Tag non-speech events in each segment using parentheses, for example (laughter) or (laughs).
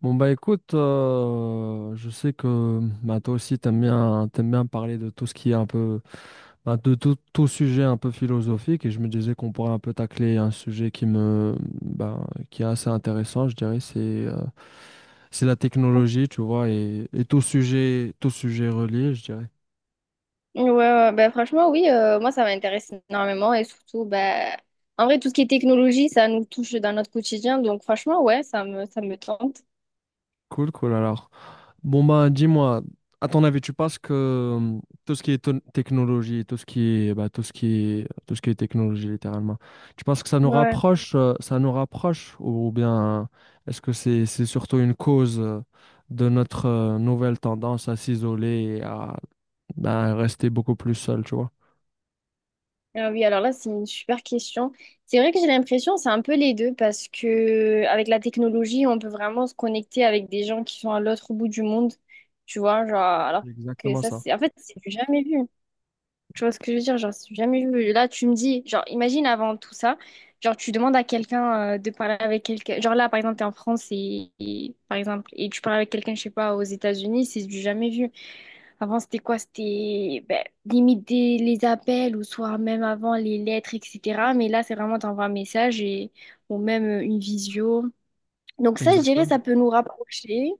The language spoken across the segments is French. Bon, bah, écoute, je sais que, toi aussi t'aimes bien parler de tout ce qui est un peu de tout sujet un peu philosophique, et je me disais qu'on pourrait un peu tacler un sujet qui bah, qui est assez intéressant, je dirais. C'est c'est la technologie, tu vois, et tout sujet relié, je dirais. Ouais, ouais, bah, franchement, oui, moi, ça m'intéresse énormément et surtout, bah, en vrai, tout ce qui est technologie, ça nous touche dans notre quotidien. Donc, franchement, ouais, ça me tente. Cool, cool alors. Bon, bah, dis-moi, à ton avis, tu penses que tout ce qui est technologie, tout ce qui est, tout ce qui est, tout ce qui est technologie, littéralement, tu penses que ça nous Ouais. rapproche, ou bien est-ce que c'est surtout une cause de notre nouvelle tendance à s'isoler et à rester beaucoup plus seul, tu vois? Ah oui, alors là, c'est une super question. C'est vrai que j'ai l'impression, c'est un peu les deux parce que avec la technologie, on peut vraiment se connecter avec des gens qui sont à l'autre bout du monde, tu vois, genre, alors C'est que exactement ça, ça. En fait, c'est du jamais vu. Tu vois ce que je veux dire? Genre, c'est jamais vu. Là, tu me dis, genre, imagine avant tout ça, genre, tu demandes à quelqu'un de parler avec quelqu'un. Genre, là, par exemple, t'es en France par exemple, et tu parles avec quelqu'un, je sais pas, aux États-Unis, c'est du jamais vu. Avant, c'était quoi? C'était ben, les appels ou soit même avant les lettres, etc. Mais là, c'est vraiment t'envoies un message et ou même une visio. Donc, ça, je dirais, ça Exactement. peut nous rapprocher.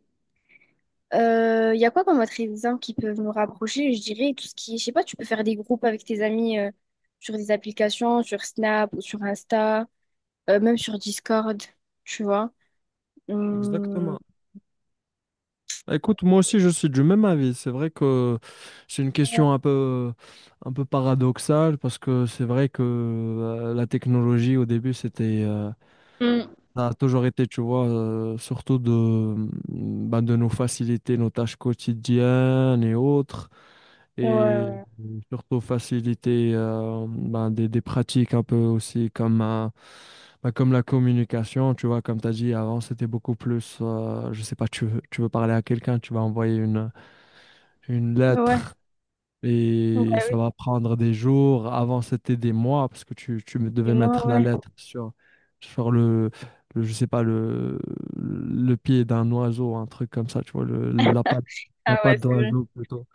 Il y a quoi comme autre exemple qui peuvent nous rapprocher? Je dirais tout ce qui, je sais pas, tu peux faire des groupes avec tes amis sur des applications, sur Snap ou sur Insta, même sur Discord, tu vois. Hum. Exactement. Bah, écoute, moi aussi je suis du même avis. C'est vrai que c'est une question un peu paradoxale, parce que c'est vrai que la technologie au début c'était, Mm. ça a toujours été, tu vois, surtout de, bah, de nous faciliter nos tâches quotidiennes et autres, Ouais, et ouais, surtout faciliter bah, des pratiques un peu aussi comme, bah, comme la communication, tu vois. Comme tu as dit avant, c'était beaucoup plus, je sais pas, tu veux parler à quelqu'un, tu vas envoyer une ouais. Ouais. lettre Bah et oui, ça va prendre des jours. Avant, c'était des mois, parce que tu, c'est devais moi, mettre la ouais. lettre sur, sur le, je sais pas, le pied d'un oiseau, un truc comme ça, tu vois, la Ah ouais, patte c'est vrai. d'oiseau plutôt.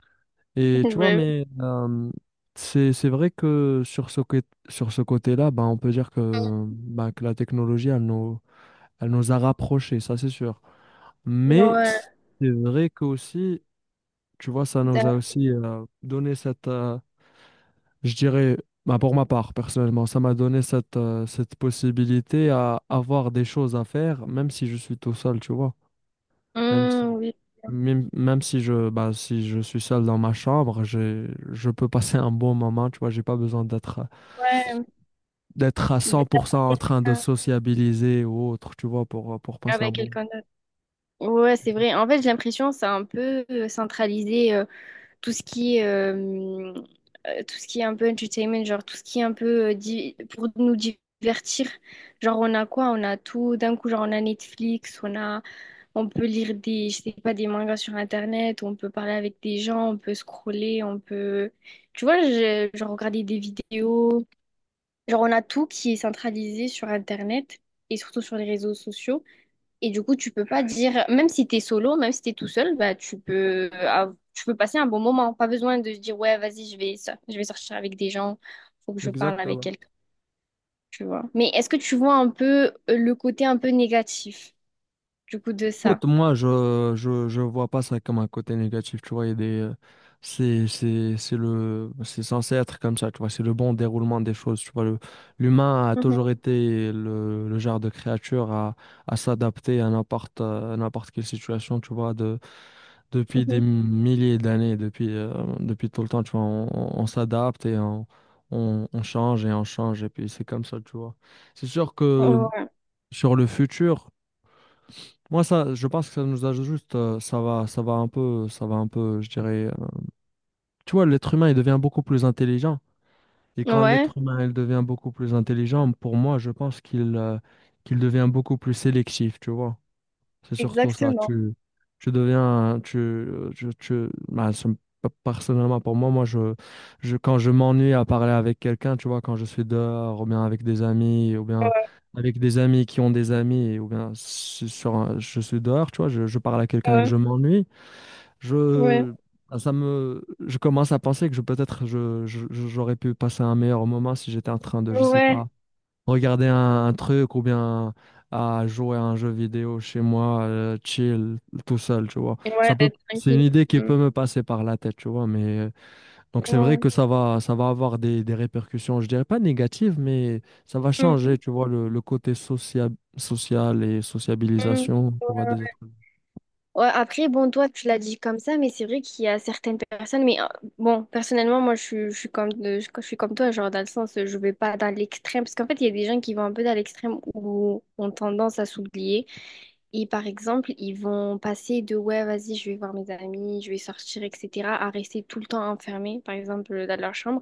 (laughs) Et tu vois, Ouais. mais c'est vrai que sur sur ce côté-là, ben, on peut dire que, ben, que la technologie, elle nous a rapprochés, ça c'est sûr. Mais Ouais, c'est vrai que tu vois, ça nous a t'as- aussi donné cette, je dirais, bah, pour ma part, personnellement, ça m'a donné cette, cette possibilité à avoir des choses à faire, même si je suis tout seul, tu vois. Même si, oui, même si je, bah, si je suis seul dans ma chambre, je peux passer un bon moment, tu vois. J'ai pas besoin d'être, ouais. d'être à cent D'être pour avec cent en train de quelqu'un. sociabiliser ou autre, tu vois, pour passer un Avec bon moment. quelqu'un d'autre. Ouais, c'est vrai. En fait, j'ai l'impression que c'est un peu centralisé. Tout ce qui est tout ce qui est un peu entertainment, genre tout ce qui est un peu pour nous divertir. Genre on a quoi? On a tout d'un coup, genre on a Netflix, on a, on peut lire des, je sais pas, des mangas sur Internet, on peut parler avec des gens, on peut scroller, on peut, genre regarder des vidéos. Genre on a tout qui est centralisé sur Internet et surtout sur les réseaux sociaux. Et du coup, tu peux pas dire, même si t'es solo, même si t'es tout seul, bah, tu peux passer un bon moment. Pas besoin de se dire, ouais, vas-y, je vais sortir avec des gens, faut que je parle avec Exactement. quelqu'un, tu vois. Mais est-ce que tu vois un peu le côté un peu négatif, du coup, de ça? Écoute, moi, je vois pas ça comme un côté négatif, tu vois. Il y a des, c'est, c'est le, c'est censé être comme ça, tu vois, c'est le bon déroulement des choses, tu vois. L'humain a Mhm, toujours été le genre de créature à s'adapter à n'importe quelle situation, tu vois, de, depuis des mhm. milliers d'années, depuis, depuis tout le temps, tu vois. On s'adapte et on, on change, et puis c'est comme ça, tu vois. C'est sûr que Ouais, sur le futur, moi, ça, je pense que ça nous ajoute ça va, ça va un peu, je dirais. Tu vois, l'être humain, il devient beaucoup plus intelligent. Et quand ouais, l'être humain, il devient beaucoup plus intelligent, pour moi, je pense qu'il, qu'il devient beaucoup plus sélectif, tu vois. C'est surtout ça. exactement. Tu deviens, tu, bah, personnellement, pour moi, moi, quand je m'ennuie à parler avec quelqu'un, tu vois, quand je suis dehors, ou bien avec des amis, ou bien avec des amis qui ont des amis, ou bien je suis dehors, tu vois, je parle à quelqu'un et que Ouais, je m'ennuie, ouais, je, bah, je commence à penser que je, peut-être, je, j'aurais pu passer un meilleur moment si j'étais en train de, je sais ouais, pas, regarder un truc ou bien à jouer à un jeu vidéo chez moi, chill, tout seul, tu vois. ouais, Ça peut, d'être c'est une tranquille. idée qui Mm. peut me passer par la tête, tu vois. Mais donc c'est vrai Ouais. que ça va avoir des répercussions, je dirais pas négatives, mais ça va Mm, changer, tu vois, le côté social, social et mm. sociabilisation, tu vois, des autres. Ouais, après, bon, toi, tu l'as dit comme ça, mais c'est vrai qu'il y a certaines personnes, bon, personnellement, je suis je suis comme toi, genre, dans le sens, je vais pas dans l'extrême, parce qu'en fait, il y a des gens qui vont un peu dans l'extrême ou ont tendance à s'oublier. Et par exemple, ils vont passer de, ouais, vas-y, je vais voir mes amis, je vais sortir, etc., à rester tout le temps enfermés, par exemple, dans leur chambre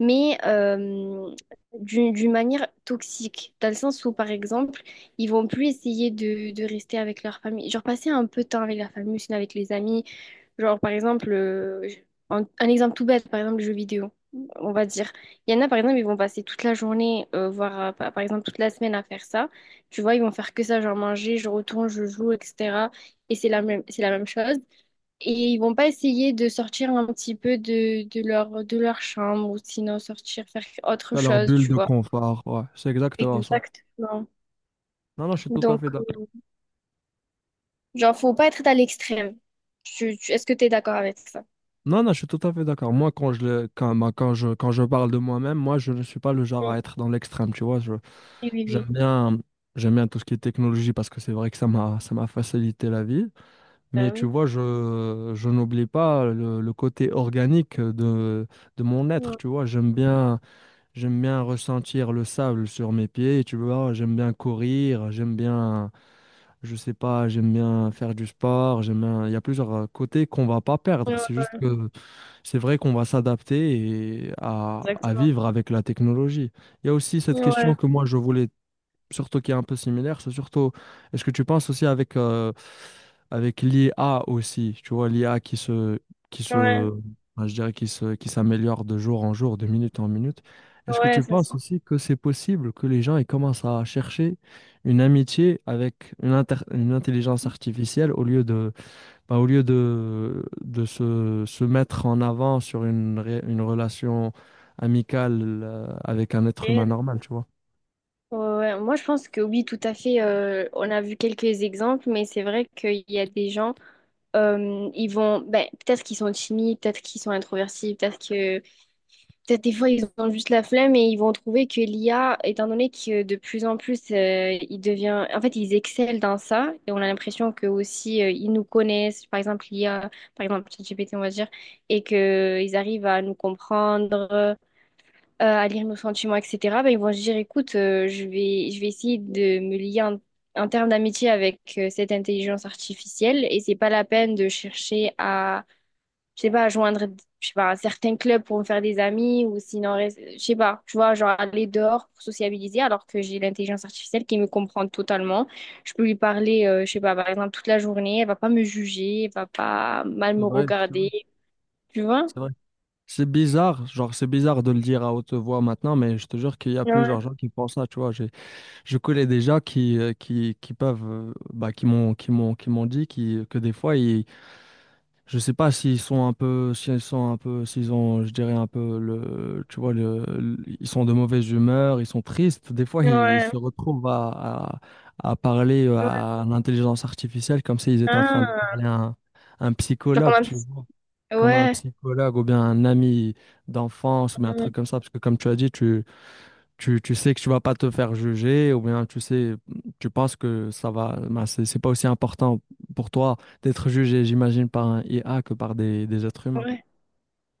mais euh, d'une manière toxique, dans le sens où, par exemple, ils vont plus essayer de rester avec leur famille, genre passer un peu de temps avec la famille, sinon avec les amis, genre, par exemple, un exemple tout bête, par exemple, le jeu vidéo. On va dire, il y en a par exemple, ils vont passer toute la journée, voire par exemple toute la semaine à faire ça. Tu vois, ils vont faire que ça, genre manger, je retourne, je joue, etc. Et c'est la même chose. Et ils vont pas essayer de sortir un petit peu de leur chambre ou sinon sortir faire autre T'as leur chose, bulle tu de vois. confort, ouais, c'est exactement ça. Exactement. Non, non, je suis tout à fait Donc, d'accord. euh, genre, faut pas être à l'extrême. Est-ce que tu es d'accord avec ça? Non, non, je suis tout à fait d'accord. Moi, quand je, quand, bah, quand je parle de moi-même, moi, je ne suis pas le genre à Mm. être dans l'extrême, tu vois. Oui, oui, J'aime oui. bien, j'aime bien tout ce qui est technologie, parce que c'est vrai que ça m'a facilité la vie. Mais Bah tu oui. vois, je n'oublie pas le, le côté organique de mon être. Tu vois, j'aime bien ressentir le sable sur mes pieds. Tu vois, j'aime bien courir, j'aime bien, je sais pas, j'aime bien faire du sport. J'aime bien, il y a plusieurs côtés qu'on va pas perdre. Ouais, C'est ouais, juste que c'est vrai qu'on va s'adapter et à exactement. vivre avec la technologie. Il y a aussi cette Ouais, question que moi je voulais, surtout qui est un peu similaire. C'est surtout, est-ce que tu penses aussi avec, avec l'IA aussi, tu vois, l'IA qui ouais, se, enfin, je dirais qui se, qui s'améliore de jour en jour, de minute en minute. Est-ce que ouais, tu ça penses suffit. aussi que c'est possible que les gens ils commencent à chercher une amitié avec une, une intelligence artificielle au lieu de, bah, au lieu de, se mettre en avant sur une, une relation amicale, avec un être humain Ouais. normal, tu vois? Ouais. Moi, je pense que oui, tout à fait. On a vu quelques exemples, mais c'est vrai qu'il y a des gens, ils vont, ben, peut-être qu'ils sont timides, peut-être qu'ils sont introvertis, peut-être que peut-être des fois, ils ont juste la flemme et ils vont trouver que l'IA, étant donné que de plus en plus, il devient... En fait, ils excellent dans ça et on a l'impression que aussi ils nous connaissent, par exemple l'IA, par exemple ChatGPT, on va dire, et qu'ils arrivent à nous comprendre, à lire nos sentiments, etc. Ben, ils vont se dire, écoute, je vais essayer de me lier en, en termes d'amitié avec cette intelligence artificielle et c'est pas la peine de chercher à je sais pas, joindre, je sais pas, certains clubs pour me faire des amis ou sinon, je sais pas, tu vois, genre aller dehors pour sociabiliser alors que j'ai l'intelligence artificielle qui me comprend totalement. Je peux lui parler, je sais pas, par exemple, toute la journée, elle va pas me juger, elle va pas mal C'est me vrai, c'est vrai. regarder, tu vois? C'est vrai. C'est bizarre, genre c'est bizarre de le dire à haute voix maintenant, mais je te jure qu'il y a plusieurs Ouais, gens qui pensent ça, tu vois. J'ai, je connais des gens qui, qui peuvent, bah, qui m'ont, qui m'ont dit qui, que des fois, ils, je sais pas s'ils sont un peu, s'ils sont un peu, s'ils ont, je dirais un peu le, tu vois, ils sont de mauvaise humeur, ils sont tristes. Des fois, ils, ouais, se retrouvent à parler ouais. à l'intelligence artificielle comme s'ils étaient en train de Ah, parler à un genre comme psychologue, un tu psy. vois, comme un Ouais. psychologue ou bien un ami d'enfance ou bien un truc comme ça, parce que comme tu as dit, tu, tu sais que tu vas pas te faire juger, ou bien tu sais, tu penses que ça va, ben, c'est pas aussi important pour toi d'être jugé, j'imagine, par un IA que par des êtres humains. Ouais.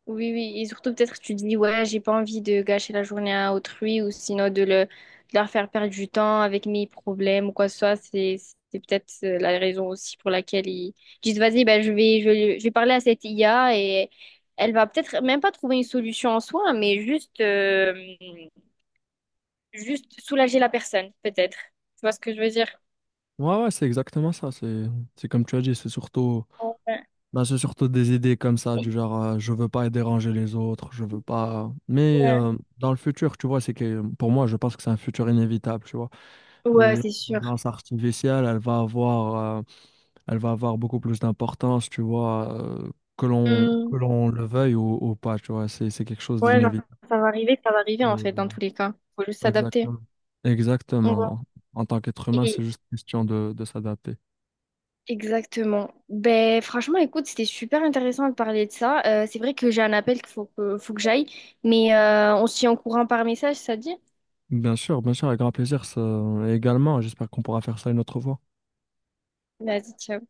Oui, oui, et surtout peut-être que tu dis, ouais, j'ai pas envie de gâcher la journée à autrui ou sinon de leur faire perdre du temps avec mes problèmes ou quoi que ce soit. C'est peut-être la raison aussi pour laquelle ils disent, vas-y, ben, je vais parler à cette IA et elle va peut-être même pas trouver une solution en soi, mais juste, juste soulager la personne, peut-être. Tu vois ce que je veux dire? Ouais, ouais, c'est exactement ça. C'est comme tu as dit, c'est surtout, Ouais, ben, c'est surtout des idées comme ça, du genre, je veux pas déranger les autres, je veux pas. Mais ouais. Dans le futur, tu vois, c'est que pour moi, je pense que c'est un futur inévitable, tu vois. Ouais, c'est sûr. L'intelligence artificielle, elle va avoir beaucoup plus d'importance, tu vois, que l'on Hum. Le veuille ou pas, tu vois, c'est quelque chose Ouais, genre, d'inévitable. Ça va arriver en fait, dans Et- tous les cas. Faut juste s'adapter. Exactement. Exactement. En tant qu'être humain, c'est Ouais. juste question de s'adapter. Exactement. Ben, franchement, écoute, c'était super intéressant de parler de ça. C'est vrai que j'ai un appel qu'il faut que, j'aille, on se tient au courant par message, ça te dit? Bien sûr, avec grand plaisir. Également, j'espère qu'on pourra faire ça une autre fois. Vas-y, ciao.